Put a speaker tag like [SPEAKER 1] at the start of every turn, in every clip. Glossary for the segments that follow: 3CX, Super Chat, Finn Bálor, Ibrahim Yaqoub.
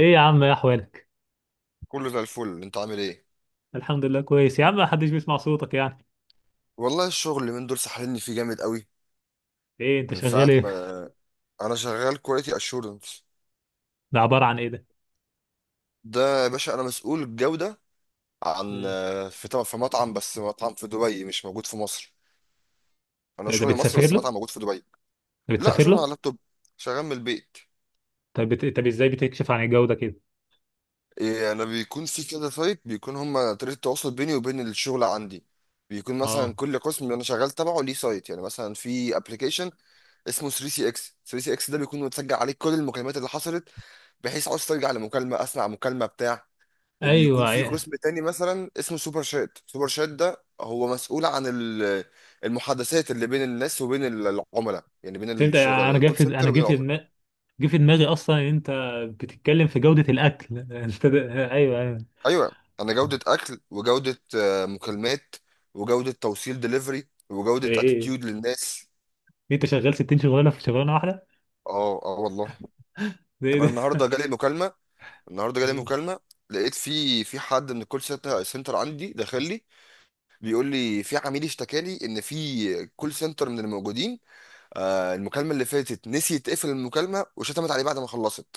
[SPEAKER 1] ايه يا عم، ايه احوالك؟
[SPEAKER 2] كله زي الفل، انت عامل ايه؟
[SPEAKER 1] الحمد لله كويس يا عم. ما حدش بيسمع صوتك يعني؟
[SPEAKER 2] والله الشغل اللي من دول سحلني فيه جامد قوي.
[SPEAKER 1] ايه انت
[SPEAKER 2] من
[SPEAKER 1] شغال
[SPEAKER 2] ساعه
[SPEAKER 1] ايه؟
[SPEAKER 2] ما انا شغال كواليتي اشورنس.
[SPEAKER 1] ده عبارة عن ايه ده؟
[SPEAKER 2] ده يا باشا انا مسؤول الجوده عن...
[SPEAKER 1] مم.
[SPEAKER 2] في مطعم، بس مطعم في دبي، مش موجود في مصر. انا
[SPEAKER 1] ده
[SPEAKER 2] شغلي مصر
[SPEAKER 1] بتسافر
[SPEAKER 2] بس
[SPEAKER 1] له؟
[SPEAKER 2] مطعم موجود في دبي.
[SPEAKER 1] ده
[SPEAKER 2] لا،
[SPEAKER 1] بتسافر
[SPEAKER 2] شغل على
[SPEAKER 1] له؟
[SPEAKER 2] اللابتوب، شغال من البيت.
[SPEAKER 1] طب ازاي بتكشف عن الجو ده كده؟
[SPEAKER 2] إيه، انا بيكون في كده سايت، بيكون هما طريقه التواصل بيني وبين الشغل عندي. بيكون مثلا
[SPEAKER 1] اه،
[SPEAKER 2] كل قسم انا شغال تبعه ليه سايت، يعني مثلا في ابلكيشن اسمه 3 سي اكس. 3 سي اكس ده بيكون متسجل عليه كل المكالمات اللي حصلت، بحيث عاوز ترجع لمكالمه اسمع مكالمه بتاع. وبيكون
[SPEAKER 1] ايوه،
[SPEAKER 2] في
[SPEAKER 1] إيه.
[SPEAKER 2] قسم تاني مثلا اسمه سوبر شات. سوبر شات ده هو مسؤول عن المحادثات اللي بين الناس وبين العملاء، يعني بين
[SPEAKER 1] فهمت.
[SPEAKER 2] الشغل
[SPEAKER 1] انا جه
[SPEAKER 2] الكول
[SPEAKER 1] في
[SPEAKER 2] سنتر
[SPEAKER 1] انا جه
[SPEAKER 2] وبين
[SPEAKER 1] في
[SPEAKER 2] العملاء.
[SPEAKER 1] دماغي جه في دماغي اصلا ان انت بتتكلم في جودة الاكل. ايوه ايوه.
[SPEAKER 2] ايوه، انا جوده اكل، وجوده مكالمات، وجوده توصيل دليفري، وجوده
[SPEAKER 1] ايه ايه إيه؟
[SPEAKER 2] اتيتيود للناس.
[SPEAKER 1] انت شغال 60 شغلانة في شغلانة واحدة؟
[SPEAKER 2] اه اه والله.
[SPEAKER 1] ده ايه
[SPEAKER 2] طب انا
[SPEAKER 1] ده؟
[SPEAKER 2] النهارده جالي مكالمه. النهارده جالي
[SPEAKER 1] مم.
[SPEAKER 2] مكالمه لقيت في حد من الكول سنتر عندي داخل لي، بيقول لي في عميل اشتكالي ان في كول سنتر من الموجودين آه المكالمه اللي فاتت نسي تقفل المكالمه وشتمت عليه بعد ما خلصت.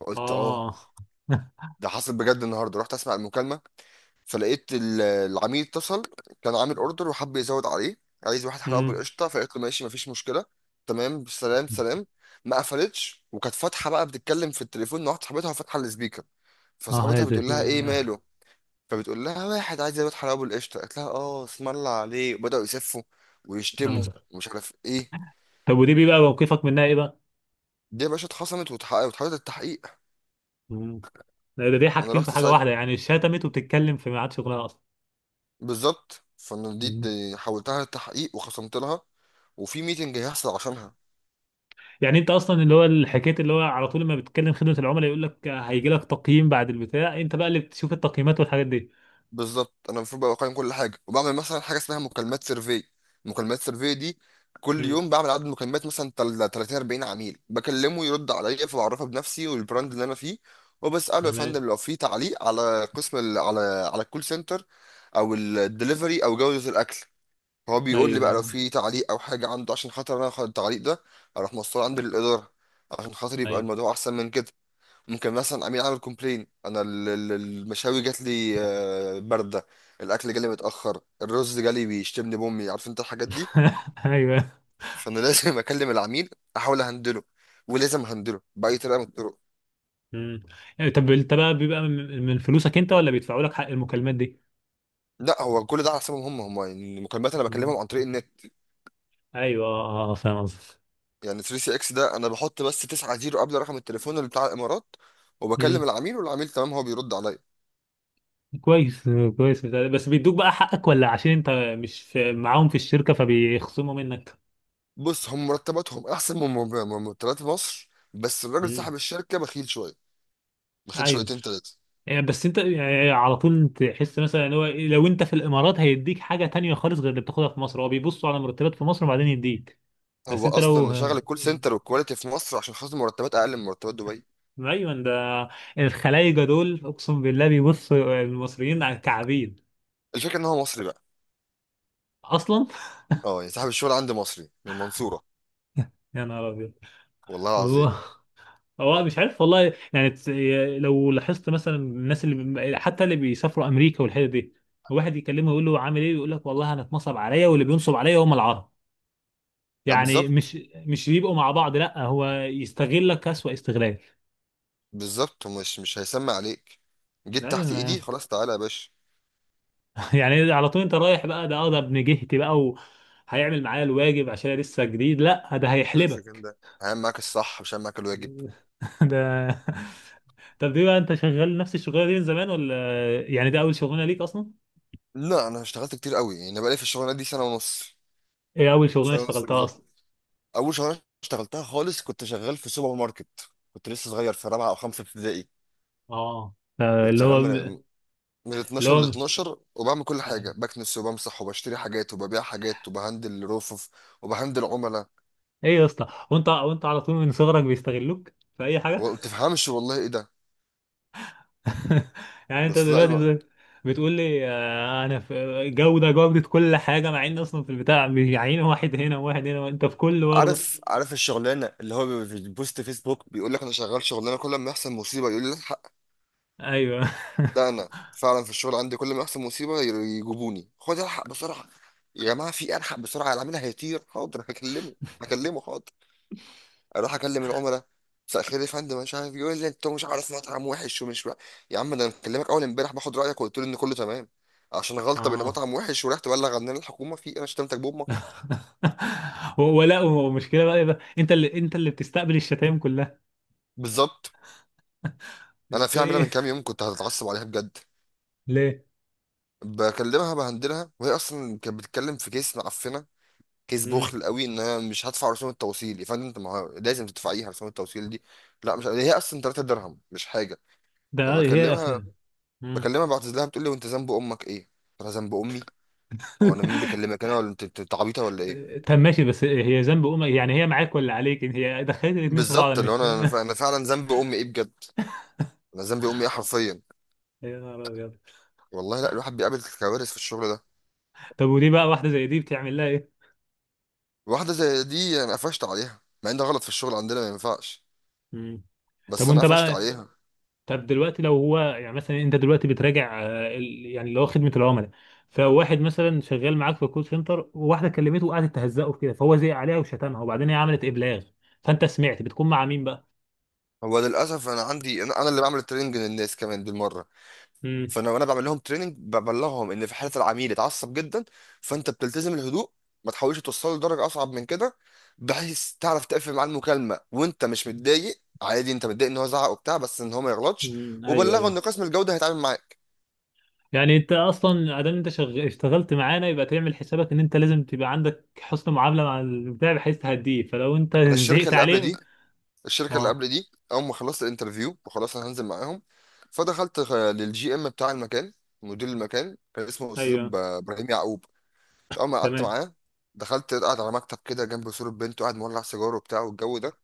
[SPEAKER 2] فقلت اه،
[SPEAKER 1] اه.
[SPEAKER 2] ده حصل بجد؟ النهارده رحت اسمع المكالمه، فلقيت العميل اتصل، كان عامل اوردر وحب يزود عليه، عايز واحد حلاوه
[SPEAKER 1] مم.
[SPEAKER 2] بالقشطه. فقلت له ماشي مفيش مشكله، تمام، سلام سلام. ما قفلتش، وكانت فاتحه بقى بتتكلم في التليفون مع واحده صاحبتها، فاتحه السبيكر.
[SPEAKER 1] اه،
[SPEAKER 2] فصاحبتها بتقول لها ايه ماله؟ فبتقول لها واحد عايز يزود حلاوه بالقشطه، قالت لها اه اسم الله عليه، وبداوا يسفوا ويشتموا ومش عارف ايه.
[SPEAKER 1] طب ودي بقى موقفك منها ايه؟
[SPEAKER 2] دي يا باشا اتخصمت واتحولت للتحقيق.
[SPEAKER 1] بقى ده دي
[SPEAKER 2] انا
[SPEAKER 1] حاجتين في
[SPEAKER 2] رحت
[SPEAKER 1] حاجه
[SPEAKER 2] ساعتها
[SPEAKER 1] واحده، يعني شتمت وبتتكلم في ميعاد شغلها اصلا.
[SPEAKER 2] بالظبط. فانا دي
[SPEAKER 1] مم.
[SPEAKER 2] دي حولتها للتحقيق وخصمت لها، وفي ميتنج هيحصل عشانها.
[SPEAKER 1] يعني انت اصلا اللي هو الحكايه اللي هو على طول، لما بتتكلم خدمه العملاء يقول لك هيجي لك تقييم بعد البتاع. انت بقى اللي بتشوف التقييمات والحاجات دي؟
[SPEAKER 2] بالظبط، انا المفروض بقى اقيم كل حاجه، وبعمل مثلا حاجه اسمها مكالمات سيرفي. مكالمات سيرفي دي كل
[SPEAKER 1] مم.
[SPEAKER 2] يوم بعمل عدد مكالمات مثلا 30 40 عميل، بكلمه يرد عليا فبعرفه بنفسي والبراند اللي انا فيه. وبساله يا
[SPEAKER 1] تمام.
[SPEAKER 2] فندم لو في تعليق على قسم ال... على على الكول سنتر او الدليفري او جوده الاكل. هو بيقول لي بقى لو
[SPEAKER 1] ايوه
[SPEAKER 2] في تعليق او حاجه عنده، عشان خاطر انا اخد التعليق ده اروح موصله عندي للاداره، عشان خاطر يبقى
[SPEAKER 1] ايوه.
[SPEAKER 2] الموضوع احسن من كده. ممكن مثلا عميل عامل كومبلين، انا المشاوي جات لي بارده، الاكل جالي متاخر، الرز جالي، بيشتمني بامي، عارف انت الحاجات دي.
[SPEAKER 1] ايوه.
[SPEAKER 2] فانا لازم اكلم العميل، احاول اهندله، ولازم اهندله باي طريقه من الطرق.
[SPEAKER 1] مم. يعني طب انت بقى بيبقى من فلوسك انت، ولا بيدفعوا لك حق المكالمات دي؟
[SPEAKER 2] لا، هو كل ده على حسابهم هم، يعني المكالمات انا
[SPEAKER 1] مم.
[SPEAKER 2] بكلمهم عن طريق النت.
[SPEAKER 1] ايوه، اه، آه، فاهم قصدك.
[SPEAKER 2] يعني 3 سي اكس ده انا بحط بس 9 زيرو قبل رقم التليفون اللي بتاع الامارات، وبكلم
[SPEAKER 1] مم.
[SPEAKER 2] العميل والعميل تمام هو بيرد عليا.
[SPEAKER 1] كويس، كويس. بس بيدوك بقى حقك، ولا عشان انت مش في معاهم في الشركه فبيخصموا منك؟
[SPEAKER 2] بص، هم مرتباتهم احسن من مرتبات مصر، بس الراجل
[SPEAKER 1] مم.
[SPEAKER 2] صاحب الشركه بخيل شويه، بخيل
[SPEAKER 1] ايوه،
[SPEAKER 2] شويتين تلاته.
[SPEAKER 1] يعني بس انت يعني على طول تحس مثلا ان هو إيه، لو انت في الامارات هيديك حاجه تانية خالص غير اللي بتاخدها في مصر. هو بيبصوا على مرتبات في مصر وبعدين يديك. بس
[SPEAKER 2] هو
[SPEAKER 1] انت
[SPEAKER 2] اصلا
[SPEAKER 1] لو
[SPEAKER 2] مشغل الكول سنتر والكواليتي في مصر عشان خاطر مرتبات اقل من مرتبات دبي.
[SPEAKER 1] ايوه ده، الخلايجه دول اقسم بالله بيبصوا المصريين على كعبين
[SPEAKER 2] الفكره ان هو مصري بقى.
[SPEAKER 1] اصلا.
[SPEAKER 2] اه، يعني صاحب الشغل عندي مصري من المنصوره.
[SPEAKER 1] يا نهار ابيض.
[SPEAKER 2] والله
[SPEAKER 1] هو
[SPEAKER 2] العظيم.
[SPEAKER 1] هو مش عارف والله، لو لاحظت مثلا الناس اللي حتى اللي بيسافروا امريكا والحته دي، واحد يكلمه يقول له عامل ايه، يقول لك والله انا اتنصب عليا واللي بينصب عليا هم العرب.
[SPEAKER 2] يعني
[SPEAKER 1] يعني
[SPEAKER 2] بالظبط.
[SPEAKER 1] مش يبقوا مع بعض، لا، هو يستغلك أسوأ استغلال.
[SPEAKER 2] بالظبط هو مش هيسمع عليك، جيت
[SPEAKER 1] لا
[SPEAKER 2] تحت ايدي
[SPEAKER 1] يا-
[SPEAKER 2] خلاص، تعالى يا باشا.
[SPEAKER 1] يعني على طول انت رايح بقى، ده اه ده ابن جهتي بقى وهيعمل معايا الواجب عشان أنا لسه جديد. لا، ده
[SPEAKER 2] ماشي، كان
[SPEAKER 1] هيحلبك.
[SPEAKER 2] ده هعمل معاك الصح مش هعمل معاك الواجب.
[SPEAKER 1] ده طب دي بقى، انت شغال نفس الشغلانه دي من زمان ولا يعني ده اول شغلانه ليك اصلا؟
[SPEAKER 2] لا، انا اشتغلت كتير قوي، يعني انا بقالي في الشغلانه دي سنه ونص.
[SPEAKER 1] ايه اول شغلانه
[SPEAKER 2] سنه ونص
[SPEAKER 1] اشتغلتها
[SPEAKER 2] بالظبط.
[SPEAKER 1] اصلا؟
[SPEAKER 2] اول شغلانه اشتغلتها خالص كنت شغال في سوبر ماركت، كنت لسه صغير في رابعه او خمسه ابتدائي.
[SPEAKER 1] اه، آه،
[SPEAKER 2] كنت
[SPEAKER 1] اللي هو
[SPEAKER 2] شغال
[SPEAKER 1] اللي
[SPEAKER 2] من 12 ل
[SPEAKER 1] هو
[SPEAKER 2] 12، وبعمل كل
[SPEAKER 1] آه،
[SPEAKER 2] حاجه، بكنس وبمسح وبشتري حاجات وببيع حاجات وبهندل رفوف وبهندل عملاء،
[SPEAKER 1] ايه يا اسطى، وانت وانت على طول من صغرك بيستغلوك في اي حاجه؟
[SPEAKER 2] وما تفهمش والله ايه ده.
[SPEAKER 1] يعني انت
[SPEAKER 2] بس لا، أنا
[SPEAKER 1] دلوقتي بت- بتقول لي آه، انا في جوده، جوده كل حاجه، مع ان اصلا في البتاع بيعين واحد هنا وواحد هنا، وانت في كل برضه.
[SPEAKER 2] عارف عارف الشغلانه اللي هو بيبقى في البوست فيسبوك بيقول لك انا شغال شغلانه كل ما يحصل مصيبه يقول لي الحق.
[SPEAKER 1] ايوه.
[SPEAKER 2] ده انا فعلا في الشغل عندي كل ما يحصل مصيبه يجيبوني خد الحق بسرعه، يا جماعه في إيه؟ الحق بسرعه، اللي عاملها هيطير. حاضر هكلمه، هكلمه حاضر. اروح اكلم العملاء، مساء الخير يا فندم مش عارف، يقول لي انت مش عارف مطعم وحش ومش بقى. يا عم ده انا مكلمك اول امبارح باخد رايك وقلت لي ان كله تمام، عشان غلطه بان
[SPEAKER 1] اه.
[SPEAKER 2] مطعم وحش ورحت تبلغ عننا الحكومه في إيه؟ انا شتمتك بامك.
[SPEAKER 1] ولا ومشكله بقى، إيه بقى؟ انت اللي بتستقبل الشتايم كلها؟
[SPEAKER 2] بالظبط. انا
[SPEAKER 1] انت
[SPEAKER 2] في عامله من
[SPEAKER 1] ايه؟
[SPEAKER 2] كام يوم كنت هتتعصب عليها بجد،
[SPEAKER 1] ليه؟
[SPEAKER 2] بكلمها بهندلها، وهي اصلا كانت بتتكلم في كيس معفنه، كيس
[SPEAKER 1] مم.
[SPEAKER 2] بخل قوي ان انا مش هدفع رسوم التوصيل. يا فندم انت ما هو لازم تدفعيها رسوم التوصيل دي. لا مش هي اصلا 3 درهم، مش حاجه.
[SPEAKER 1] ده آه، هي
[SPEAKER 2] فبكلمها
[SPEAKER 1] اخي. مم.
[SPEAKER 2] بكلمها بعتذر لها، بتقول لي وانت ذنب امك ايه؟ انا ذنب امي؟ هو انا مين بيكلمك، انا ولا انت؟ أنت عبيطه ولا ايه؟
[SPEAKER 1] طب ماشي، بس هي ذنب امك؟ يعني هي معاك ولا عليك؟ هي دخلت الاتنين في بعض،
[SPEAKER 2] بالظبط
[SPEAKER 1] انا
[SPEAKER 2] اللي هو
[SPEAKER 1] مش فاهم.
[SPEAKER 2] أنا فعلا ذنب امي ايه بجد؟ انا ذنب امي ايه حرفيا؟
[SPEAKER 1] يا نهار ابيض.
[SPEAKER 2] والله لا الواحد بيقابل كوارث في الشغل ده.
[SPEAKER 1] طب ودي بقى واحده زي دي بتعمل لها إيه؟
[SPEAKER 2] واحده زي دي انا قفشت عليها، مع ان ده غلط في الشغل عندنا ما ينفعش،
[SPEAKER 1] مم. طب
[SPEAKER 2] بس انا
[SPEAKER 1] وانت
[SPEAKER 2] قفشت
[SPEAKER 1] بقى،
[SPEAKER 2] عليها.
[SPEAKER 1] طب دلوقتي لو هو يعني مثلا انت دلوقتي بتراجع آه، يعني اللي هو خدمه العملاء، فواحد مثلا شغال معاك في الكول سنتر وواحده كلمته وقعدت تهزقه في كده، فهو زعق عليها وشتمها وبعدين هي عملت ابلاغ، فانت سمعت بتكون مع مين بقى؟
[SPEAKER 2] هو للاسف انا عندي أنا اللي بعمل التريننج للناس كمان بالمره.
[SPEAKER 1] امم.
[SPEAKER 2] فانا وانا بعمل لهم تريننج ببلغهم ان في حاله العميل اتعصب جدا، فانت بتلتزم الهدوء. ما تحاولش توصله لدرجه اصعب من كده، بحيث تعرف تقفل معاه المكالمه وانت مش متضايق. عادي انت متضايق ان هو زعق وبتاع بس ان هو ما يغلطش.
[SPEAKER 1] امم، ايوه
[SPEAKER 2] وبلغه
[SPEAKER 1] ايوه.
[SPEAKER 2] ان قسم الجوده هيتعامل معاك.
[SPEAKER 1] يعني انت اصلا ادام انت اشتغلت معانا، يبقى تعمل حسابك ان انت لازم تبقى عندك حسن معامله مع البتاع بحيث تهديه، فلو انت
[SPEAKER 2] انا الشركه
[SPEAKER 1] زهقت
[SPEAKER 2] اللي قبل
[SPEAKER 1] عليه.
[SPEAKER 2] دي،
[SPEAKER 1] اه،
[SPEAKER 2] اول ما خلصت الانترفيو وخلاص انا هنزل معاهم، فدخلت للجي ام بتاع المكان. مدير المكان كان اسمه استاذ
[SPEAKER 1] ايوه،
[SPEAKER 2] ابراهيم يعقوب. اول ما قعدت
[SPEAKER 1] تمام.
[SPEAKER 2] معاه دخلت قاعد على مكتب كده جنب صورة بنته، قاعد مولع سيجاره وبتاع والجو ده.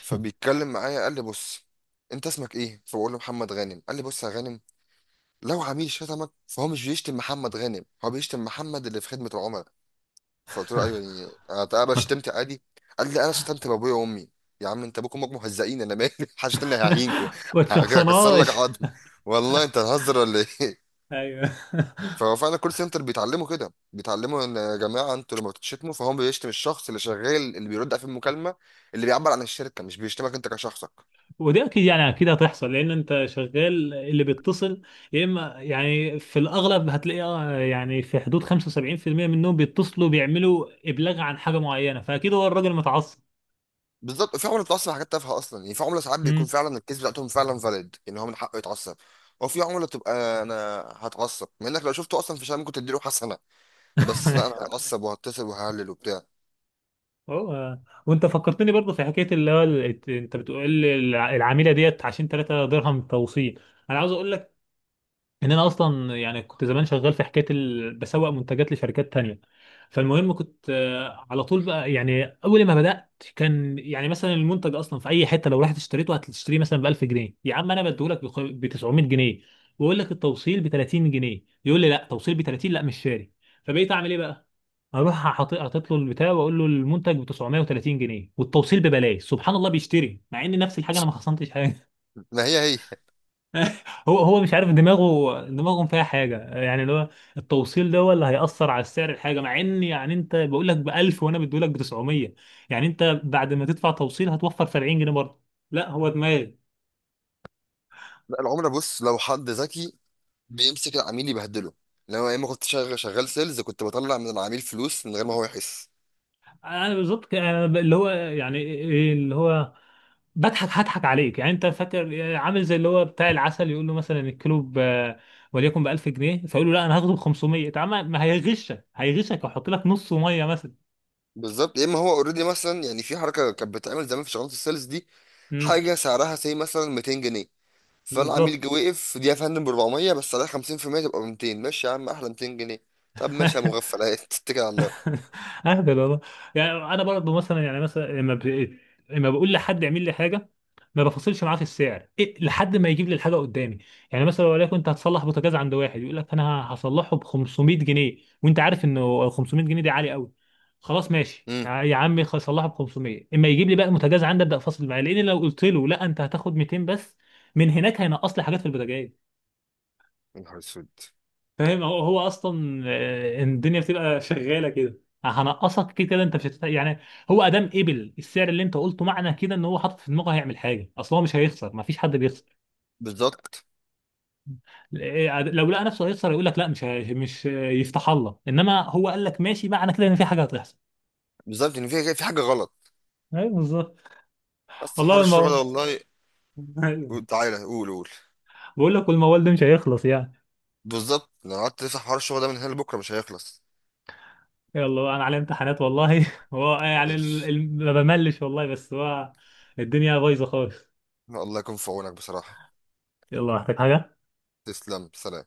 [SPEAKER 2] فبيتكلم معايا قال لي بص، انت اسمك ايه؟ فبقول له محمد غانم. قال لي بص يا غانم، لو عميل شتمك فهو مش بيشتم محمد غانم، هو بيشتم محمد اللي في خدمة العملاء. فقلت له ايوه يعني، انا اتقبل شتمت عادي. قال لي انا شتمت بابويا وامي، يا عم انت ابوك وامك مهزئين انا مالي محدش تاني هيهينك
[SPEAKER 1] ما
[SPEAKER 2] هكسر لك
[SPEAKER 1] تشخصناش.
[SPEAKER 2] عظم. والله انت هزر ولا ايه؟
[SPEAKER 1] ايوه.
[SPEAKER 2] فهو فعلا كول سنتر بيتعلموا كده، بيتعلموا ان يا جماعه انتوا لما بتشتموا فهو بيشتم الشخص اللي شغال اللي بيرد في المكالمه، اللي بيعبر عن الشركه، مش بيشتمك انت كشخصك.
[SPEAKER 1] ودي اكيد يعني، اكيد هتحصل لان انت شغال اللي بيتصل، يا اما يعني في الاغلب هتلاقي آه، يعني في حدود 75% منهم بيتصلوا بيعملوا ابلاغ عن حاجه معينه، فاكيد هو الراجل متعصب.
[SPEAKER 2] بالظبط. في عمله بتتعصب حاجات تافهه اصلا، يعني في عمله ساعات بيكون
[SPEAKER 1] امم.
[SPEAKER 2] فعلا الكيس بتاعتهم فعلا فاليد، يعني هو من حقه يتعصب. وفي عمله تبقى انا هتعصب مع انك لو شفته اصلا في شام ممكن تديله حسنه، بس لا انا هتعصب وهتصل وههلل وبتاع.
[SPEAKER 1] هو، وانت فكرتني برضه في حكايه اللي هو انت بتقول لي العميله ديت عشان 3 درهم توصيل. انا عاوز اقول ان انا اصلا يعني كنت زمان شغال في حكايه بسوق منتجات لشركات تانية. فالمهم كنت آه، على طول بقى يعني اول ما بدات كان يعني مثلا المنتج اصلا في اي حته لو رحت اشتريته هتشتريه مثلا ب 1000 جنيه، يا عم انا بديهولك ب 900 جنيه، واقول لك التوصيل ب 30 جنيه. يقول لي لا، توصيل ب 30 لا، مش شاري. فبقيت اعمل ايه بقى، اروح حاطط له البتاع واقول له المنتج ب 930 جنيه والتوصيل ببلاش، سبحان الله بيشتري، مع ان نفس الحاجه انا ما خصمتش حاجه.
[SPEAKER 2] ما هي هي.
[SPEAKER 1] هو مش عارف دماغه، دماغهم فيها حاجه يعني، اللي هو التوصيل ده هو اللي هيأثر على سعر الحاجه، مع ان يعني انت بقول لك ب 1000 وانا بدي لك ب 900، يعني انت بعد ما تدفع توصيل هتوفر 70 جنيه برضه. لا هو دماغي.
[SPEAKER 2] لا العمله بص، لو حد ذكي بيمسك العميل يبهدله. لو يا اما كنت شغال سيلز، كنت بطلع من العميل فلوس من غير ما هو يحس.
[SPEAKER 1] انا بالظبط أنا اللي هو يعني إيه، إيه، اللي هو بضحك، هضحك عليك. يعني انت فاكر عامل زي اللي هو بتاع العسل، يقول له مثلا الكيلو وليكن ب 1000 جنيه، فيقول له لا انا هاخده ب 500. طب ما هيغشك، هيغشك ويحط لك نص ميه مثلا.
[SPEAKER 2] بالظبط، يا اما هو اوريدي مثلا، يعني في حركه كانت بتتعمل زمان في شغلات السيلز دي،
[SPEAKER 1] امم.
[SPEAKER 2] حاجه سعرها سي مثلا 200 جنيه، فالعميل
[SPEAKER 1] بالظبط.
[SPEAKER 2] جه وقف دي يا فندم ب 400 بس عليها 50% تبقى ب 200، ماشي يا عم، احلى 200 جنيه. طب ماشي يا مغفل، تتكل على الله.
[SPEAKER 1] اهبل والله. يعني انا برضه مثلا يعني مثلا لما بقول لحد يعمل لي حاجه ما بفاصلش معاه في السعر، إيه، لحد ما يجيب لي الحاجه قدامي. يعني مثلا لو وليكن انت هتصلح بوتاجاز عند واحد، يقول لك انا هصلحه ب 500 جنيه، وانت عارف انه 500 جنيه دي عالي قوي، خلاص ماشي
[SPEAKER 2] امم.
[SPEAKER 1] يا عمي، خلاص صلحه ب 500. اما يجيب لي بقى البوتاجاز عندي ابدا افاصل معاه، لان لو قلت له لا، انت هتاخد 200 بس، من هناك هينقص لي حاجات في البوتاجاز.
[SPEAKER 2] يا نهار اسود.
[SPEAKER 1] فاهم. هو اصلا آه، الدنيا بتبقى شغاله كده. هنقصك كده كده، انت مش هتت... يعني هو ادام قبل السعر اللي انت قلته، معنى كده ان هو حاطط في دماغه هيعمل حاجه، اصل هو مش هيخسر، ما فيش حد بيخسر.
[SPEAKER 2] بالظبط
[SPEAKER 1] آه، لو لقى نفسه هيخسر يقول لك لا، مش آه، يفتح الله. انما هو قال لك ماشي، معنى كده ان في حاجه هتحصل.
[SPEAKER 2] بالظبط ان في حاجه غلط.
[SPEAKER 1] ايوه بالظبط.
[SPEAKER 2] بس
[SPEAKER 1] والله
[SPEAKER 2] حوار الشغل ده
[SPEAKER 1] الموال.
[SPEAKER 2] والله.
[SPEAKER 1] أيوة.
[SPEAKER 2] تعالى قول قول.
[SPEAKER 1] بقول لك، والموال ده مش هيخلص يعني.
[SPEAKER 2] بالظبط لو قعدت تفتح حوار الشغل ده من هنا لبكره مش هيخلص.
[SPEAKER 1] يلا انا علي امتحانات والله. هو يعني
[SPEAKER 2] ايش.
[SPEAKER 1] ما بملش والله، بس هو الدنيا بايظه خالص.
[SPEAKER 2] الله يكون في عونك بصراحه.
[SPEAKER 1] يلا محتاج حاجه؟
[SPEAKER 2] تسلم سلام.